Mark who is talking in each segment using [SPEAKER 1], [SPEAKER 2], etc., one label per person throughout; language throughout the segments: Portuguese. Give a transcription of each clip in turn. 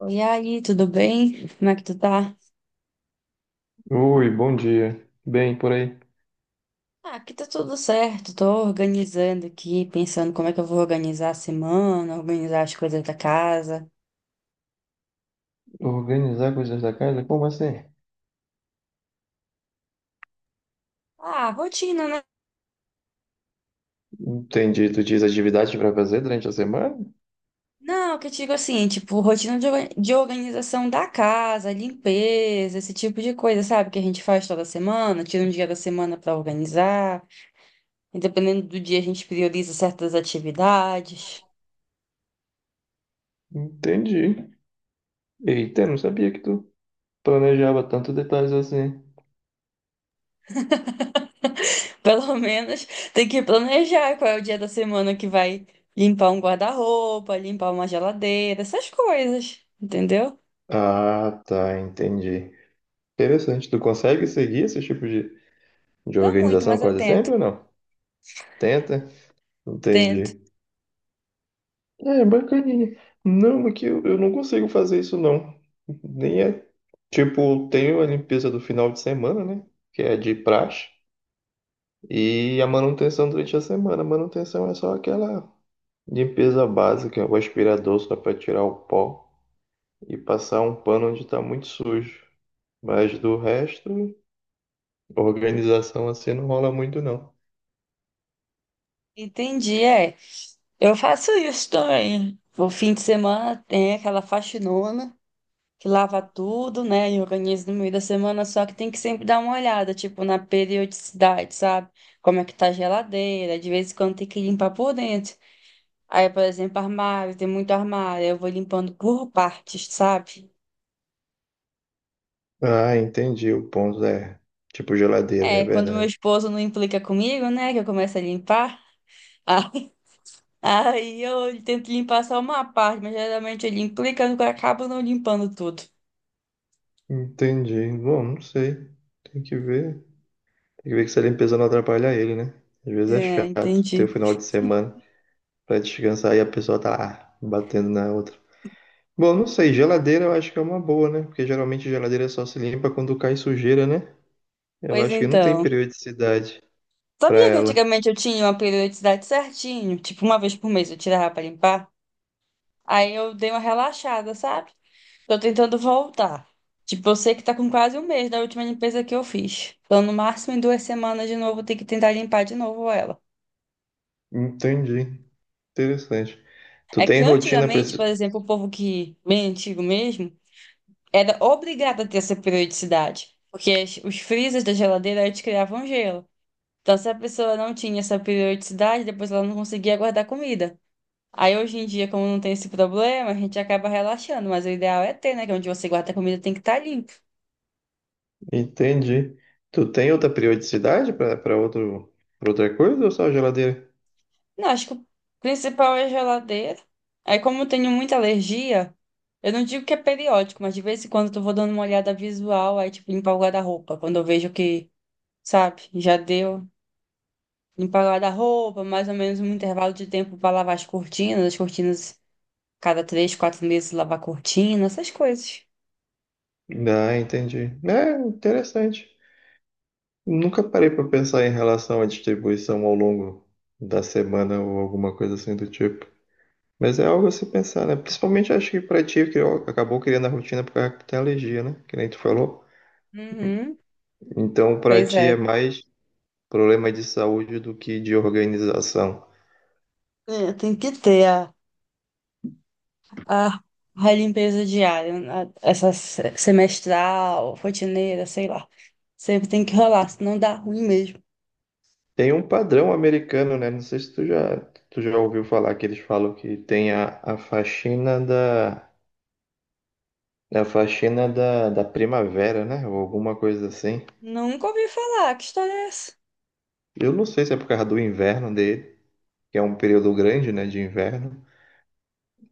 [SPEAKER 1] Oi, aí, tudo bem? Como é que tu tá?
[SPEAKER 2] Oi, bom dia. Bem, por aí.
[SPEAKER 1] Ah, aqui tá tudo certo. Tô organizando aqui, pensando como é que eu vou organizar a semana, organizar as coisas da casa.
[SPEAKER 2] Organizar coisas da casa? Como assim?
[SPEAKER 1] Ah, rotina, né?
[SPEAKER 2] Entendi. Tu diz atividades para fazer durante a semana?
[SPEAKER 1] Não, que eu digo assim, tipo, rotina de organização da casa, limpeza, esse tipo de coisa, sabe? Que a gente faz toda semana, tira um dia da semana pra organizar. E dependendo do dia, a gente prioriza certas atividades.
[SPEAKER 2] Entendi. Eita, não sabia que tu planejava tantos detalhes assim.
[SPEAKER 1] Pelo menos tem que planejar qual é o dia da semana que vai limpar um guarda-roupa, limpar uma geladeira, essas coisas, entendeu?
[SPEAKER 2] Ah, tá, entendi. Interessante. Tu consegue seguir esse tipo de
[SPEAKER 1] Dá muito,
[SPEAKER 2] organização
[SPEAKER 1] mas eu
[SPEAKER 2] quase
[SPEAKER 1] tento,
[SPEAKER 2] sempre ou não? Tenta?
[SPEAKER 1] tento.
[SPEAKER 2] Entendi. É, bacaninha. Não, é que eu não consigo fazer isso, não. Nem é. Tipo, tenho a limpeza do final de semana, né? Que é de praxe. E a manutenção durante a semana. A manutenção é só aquela limpeza básica, o aspirador só para tirar o pó e passar um pano onde está muito sujo. Mas do resto, organização assim não rola muito não.
[SPEAKER 1] Entendi, é. Eu faço isso também. O fim de semana tem aquela faxinona que lava tudo, né? E organiza no meio da semana, só que tem que sempre dar uma olhada, tipo, na periodicidade, sabe? Como é que tá a geladeira, de vez em quando tem que limpar por dentro. Aí, por exemplo, armário, tem muito armário, eu vou limpando por partes, sabe?
[SPEAKER 2] Ah, entendi. O ponto é tipo geladeira, é
[SPEAKER 1] É, quando meu
[SPEAKER 2] verdade.
[SPEAKER 1] esposo não implica comigo, né, que eu começo a limpar, aí aí eu tento limpar só uma parte, mas geralmente ele implica, eu acabo não limpando tudo.
[SPEAKER 2] Entendi. Bom, não sei. Tem que ver. Tem que ver que essa limpeza não atrapalha ele, né? Às vezes é
[SPEAKER 1] É,
[SPEAKER 2] chato ter
[SPEAKER 1] entendi.
[SPEAKER 2] o final de semana para descansar e a pessoa tá lá batendo na outra. Bom, não sei, geladeira eu acho que é uma boa, né? Porque geralmente geladeira só se limpa quando cai sujeira, né? Eu
[SPEAKER 1] Pois
[SPEAKER 2] acho que não tem
[SPEAKER 1] então.
[SPEAKER 2] periodicidade pra
[SPEAKER 1] Sabia que
[SPEAKER 2] ela.
[SPEAKER 1] antigamente eu tinha uma periodicidade certinho? Tipo, uma vez por mês eu tirava pra limpar. Aí eu dei uma relaxada, sabe? Tô tentando voltar. Tipo, eu sei que tá com quase um mês da última limpeza que eu fiz. Então, no máximo, em 2 semanas de novo, eu tenho que tentar limpar de novo ela.
[SPEAKER 2] Entendi. Interessante. Tu
[SPEAKER 1] É que
[SPEAKER 2] tem rotina pra...
[SPEAKER 1] antigamente, por exemplo, o povo que, bem antigo mesmo, era obrigado a ter essa periodicidade. Porque os freezers da geladeira eles criavam gelo. Então, se a pessoa não tinha essa periodicidade, depois ela não conseguia guardar comida. Aí, hoje em dia, como não tem esse problema, a gente acaba relaxando. Mas o ideal é ter, né? Que é onde você guarda a comida tem que estar limpo.
[SPEAKER 2] Entendi. Tu tem outra periodicidade pra para outro pra outra coisa ou só geladeira?
[SPEAKER 1] Não, acho que o principal é a geladeira. Aí, como eu tenho muita alergia, eu não digo que é periódico, mas de vez em quando eu vou dando uma olhada visual, aí, tipo, limpar o guarda-roupa. Quando eu vejo que, sabe, já deu. Limpar o guarda-roupa, mais ou menos um intervalo de tempo para lavar as cortinas, cada 3, 4 meses lavar a cortina, essas coisas.
[SPEAKER 2] Ah, entendi. É, interessante. Nunca parei pra pensar em relação à distribuição ao longo da semana ou alguma coisa assim do tipo. Mas é algo a se pensar, né? Principalmente acho que pra ti, que acabou criando a rotina por causa que tu tem alergia, né? Que nem tu falou.
[SPEAKER 1] Uhum,
[SPEAKER 2] Então, pra
[SPEAKER 1] pois
[SPEAKER 2] ti
[SPEAKER 1] é.
[SPEAKER 2] é mais problema de saúde do que de organização.
[SPEAKER 1] É, tem que ter A, a limpeza diária, né? Essa semestral, rotineira, sei lá. Sempre tem que rolar, senão dá ruim mesmo.
[SPEAKER 2] Tem um padrão americano, né? Não sei se tu já ouviu falar que eles falam que tem a faxina da, da primavera, né? Ou alguma coisa assim.
[SPEAKER 1] Nunca ouvi falar, que história é essa?
[SPEAKER 2] Eu não sei se é por causa do inverno dele, que é um período grande, né, de inverno.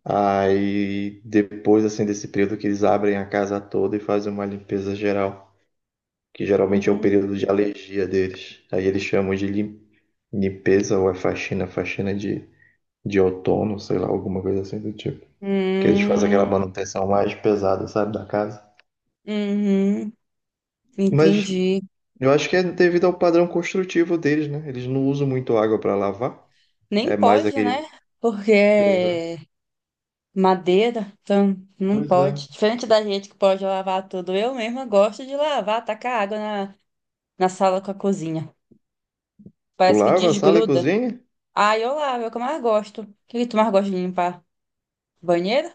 [SPEAKER 2] Aí depois assim desse período que eles abrem a casa toda e fazem uma limpeza geral, que geralmente é o
[SPEAKER 1] Uhum.
[SPEAKER 2] período de alergia deles. Aí eles chamam de limpeza ou é faxina de outono, sei lá, alguma coisa assim do tipo. Que eles fazem aquela
[SPEAKER 1] Hum,
[SPEAKER 2] manutenção mais pesada, sabe, da casa.
[SPEAKER 1] uhum,
[SPEAKER 2] Mas
[SPEAKER 1] entendi.
[SPEAKER 2] eu acho que é devido ao padrão construtivo deles, né? Eles não usam muito água para lavar.
[SPEAKER 1] Nem
[SPEAKER 2] É mais
[SPEAKER 1] pode, né?
[SPEAKER 2] aquele.
[SPEAKER 1] Porque
[SPEAKER 2] Uhum.
[SPEAKER 1] é madeira, então não
[SPEAKER 2] Pois é.
[SPEAKER 1] pode. Diferente da gente que pode lavar tudo, eu mesma gosto de lavar, tacar água na, na sala com a cozinha.
[SPEAKER 2] Tu
[SPEAKER 1] Parece que
[SPEAKER 2] lava a sala e
[SPEAKER 1] desgruda.
[SPEAKER 2] cozinha?
[SPEAKER 1] Ah, eu lavo, é o que eu mais gosto. O que que tu mais gosta de limpar? Banheiro?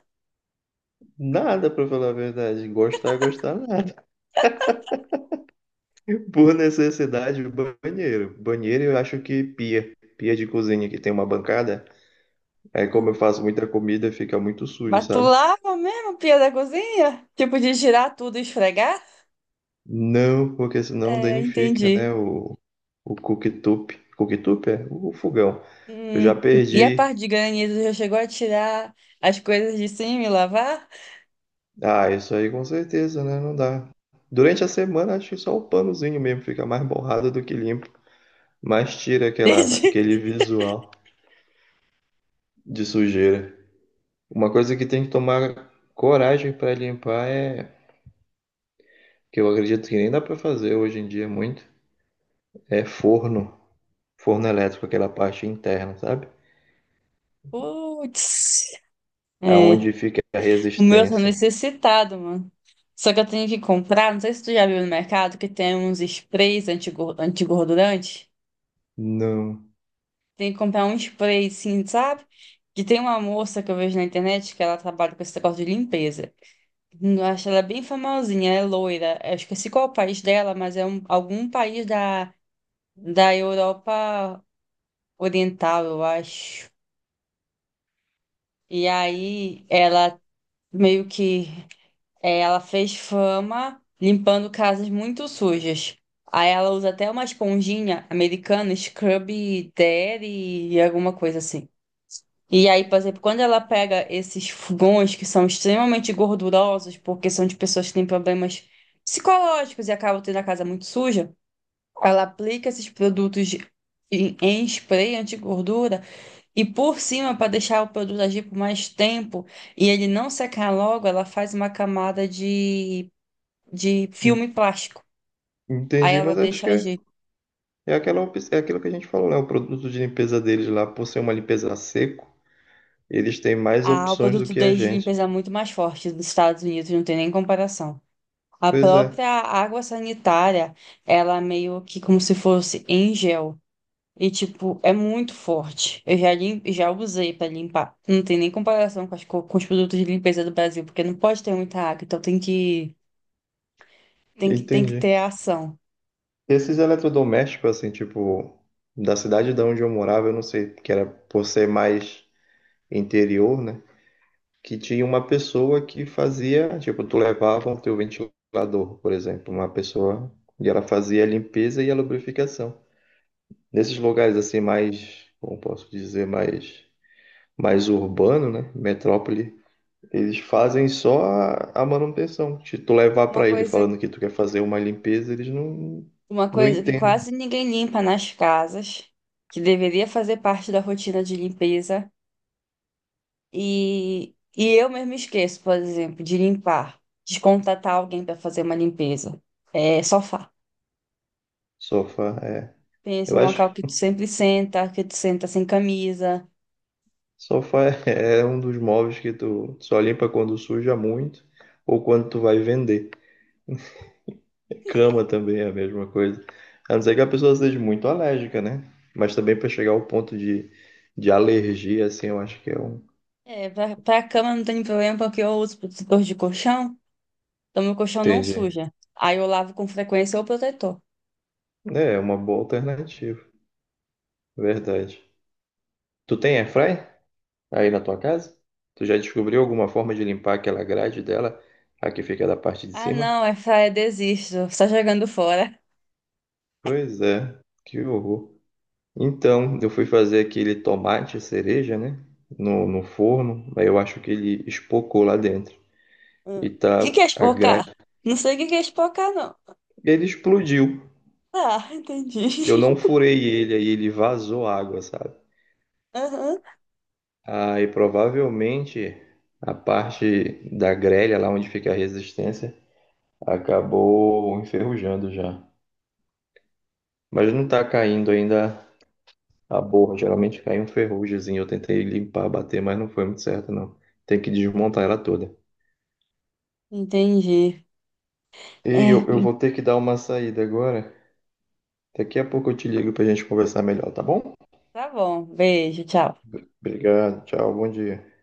[SPEAKER 2] Nada, pra falar a verdade. Gostar, gostar, por necessidade, banheiro. Banheiro eu acho que pia. Pia de cozinha que tem uma bancada. Aí como eu
[SPEAKER 1] Ah,
[SPEAKER 2] faço muita comida, fica muito sujo,
[SPEAKER 1] mas tu
[SPEAKER 2] sabe?
[SPEAKER 1] lava mesmo, a pia da cozinha? Tipo de girar tudo e esfregar?
[SPEAKER 2] Não, porque senão
[SPEAKER 1] É,
[SPEAKER 2] danifica, né?
[SPEAKER 1] entendi.
[SPEAKER 2] O cooktop. Cooktop é o fogão. Eu já
[SPEAKER 1] Hum, E a
[SPEAKER 2] perdi.
[SPEAKER 1] parte de granizo já chegou a tirar as coisas de cima e lavar?
[SPEAKER 2] Ah, isso aí com certeza, né? Não dá. Durante a semana, acho que só o panozinho mesmo fica mais borrado do que limpo. Mas tira
[SPEAKER 1] Entendi.
[SPEAKER 2] aquele visual de sujeira. Uma coisa que tem que tomar coragem para limpar é que eu acredito que nem dá para fazer hoje em dia muito, é forno, forno elétrico, aquela parte interna, sabe?
[SPEAKER 1] Putz. É,
[SPEAKER 2] Aonde fica a
[SPEAKER 1] o meu tá
[SPEAKER 2] resistência.
[SPEAKER 1] necessitado, mano. Só que eu tenho que comprar, não sei se tu já viu no mercado, que tem uns sprays antigordurantes.
[SPEAKER 2] Não,
[SPEAKER 1] Tem que comprar um spray, sim, sabe? Que tem uma moça que eu vejo na internet que ela trabalha com esse negócio de limpeza. Eu acho ela é bem famosinha, é loira. Eu esqueci qual é o país dela, mas é algum país da, Europa Oriental, eu acho. E aí ela meio que ela fez fama limpando casas muito sujas. Aí ela usa até uma esponjinha americana, Scrub Daddy e alguma coisa assim. E aí, por exemplo, quando ela pega esses fogões que são extremamente gordurosos, porque são de pessoas que têm problemas psicológicos e acabam tendo a casa muito suja, ela aplica esses produtos em spray anti-gordura e por cima, para deixar o produto agir por mais tempo e ele não secar logo, ela faz uma camada de
[SPEAKER 2] en-
[SPEAKER 1] filme plástico. Aí
[SPEAKER 2] entendi,
[SPEAKER 1] ela
[SPEAKER 2] mas
[SPEAKER 1] deixa agir.
[SPEAKER 2] é aquela, é aquilo que a gente falou, né? O produto de limpeza deles lá, por ser uma limpeza a seco, eles têm mais
[SPEAKER 1] Ah, o
[SPEAKER 2] opções do
[SPEAKER 1] produto
[SPEAKER 2] que a
[SPEAKER 1] deles de
[SPEAKER 2] gente.
[SPEAKER 1] limpeza é muito mais forte dos Estados Unidos, não tem nem comparação. A
[SPEAKER 2] Pois é,
[SPEAKER 1] própria água sanitária, ela é meio que como se fosse em gel. E, tipo, é muito forte. Eu já, já usei para limpar. Não tem nem comparação com os produtos de limpeza do Brasil, porque não pode ter muita água, então Tem que ter
[SPEAKER 2] entendi.
[SPEAKER 1] ação.
[SPEAKER 2] Esses eletrodomésticos, assim, tipo, da cidade de onde eu morava, eu não sei, que era por ser mais interior, né? Que tinha uma pessoa que fazia, tipo, tu levava o teu ventilador, por exemplo, uma pessoa, e ela fazia a limpeza e a lubrificação. Nesses lugares assim mais, como posso dizer, mais urbano, né, metrópole, eles fazem só a manutenção. Se tu levar
[SPEAKER 1] Uma
[SPEAKER 2] para ele
[SPEAKER 1] coisa...
[SPEAKER 2] falando que tu quer fazer uma limpeza, eles
[SPEAKER 1] Uma
[SPEAKER 2] não
[SPEAKER 1] coisa que
[SPEAKER 2] entendem.
[SPEAKER 1] quase ninguém limpa nas casas, que deveria fazer parte da rotina de limpeza, e eu mesmo esqueço, por exemplo, de limpar, de contratar alguém para fazer uma limpeza. É sofá.
[SPEAKER 2] Sofá é,
[SPEAKER 1] Pensa
[SPEAKER 2] eu
[SPEAKER 1] um
[SPEAKER 2] acho
[SPEAKER 1] local que tu sempre senta, que tu senta sem camisa.
[SPEAKER 2] sofá é um dos móveis que tu só limpa quando suja muito ou quando tu vai vender. Cama também é a mesma coisa. A não ser que a pessoa seja muito alérgica, né? Mas também para chegar ao ponto de alergia, assim, eu acho que é um.
[SPEAKER 1] É, pra, pra cama não tem problema porque eu uso protetor de colchão, então meu colchão não
[SPEAKER 2] Entendi.
[SPEAKER 1] suja. Aí eu lavo com frequência o protetor.
[SPEAKER 2] É é uma boa alternativa. Verdade. Tu tem airfry aí na tua casa? Tu já descobriu alguma forma de limpar aquela grade dela, a que fica da parte de
[SPEAKER 1] Ah,
[SPEAKER 2] cima?
[SPEAKER 1] não, é fraia, desisto, só jogando fora.
[SPEAKER 2] Pois é, que horror. Então, eu fui fazer aquele tomate cereja, né? No forno, aí eu acho que ele espocou lá dentro.
[SPEAKER 1] Hum.
[SPEAKER 2] E
[SPEAKER 1] O
[SPEAKER 2] tá
[SPEAKER 1] que que é
[SPEAKER 2] a grade.
[SPEAKER 1] espocar? Não sei o que que é espocar, não.
[SPEAKER 2] Ele explodiu.
[SPEAKER 1] Tá, entendi.
[SPEAKER 2] Eu não furei ele, aí ele vazou água, sabe?
[SPEAKER 1] Aham,
[SPEAKER 2] Aí provavelmente a parte da grelha, lá onde fica a resistência, acabou enferrujando já. Mas não tá caindo ainda a borra. Geralmente cai um ferrugemzinho. Eu tentei limpar, bater, mas não foi muito certo, não. Tem que desmontar ela toda.
[SPEAKER 1] entendi.
[SPEAKER 2] E
[SPEAKER 1] É,
[SPEAKER 2] eu vou ter que dar uma saída agora. Daqui a pouco eu te ligo pra gente conversar melhor, tá bom?
[SPEAKER 1] tá bom, beijo, tchau.
[SPEAKER 2] Obrigado, tchau, bom dia.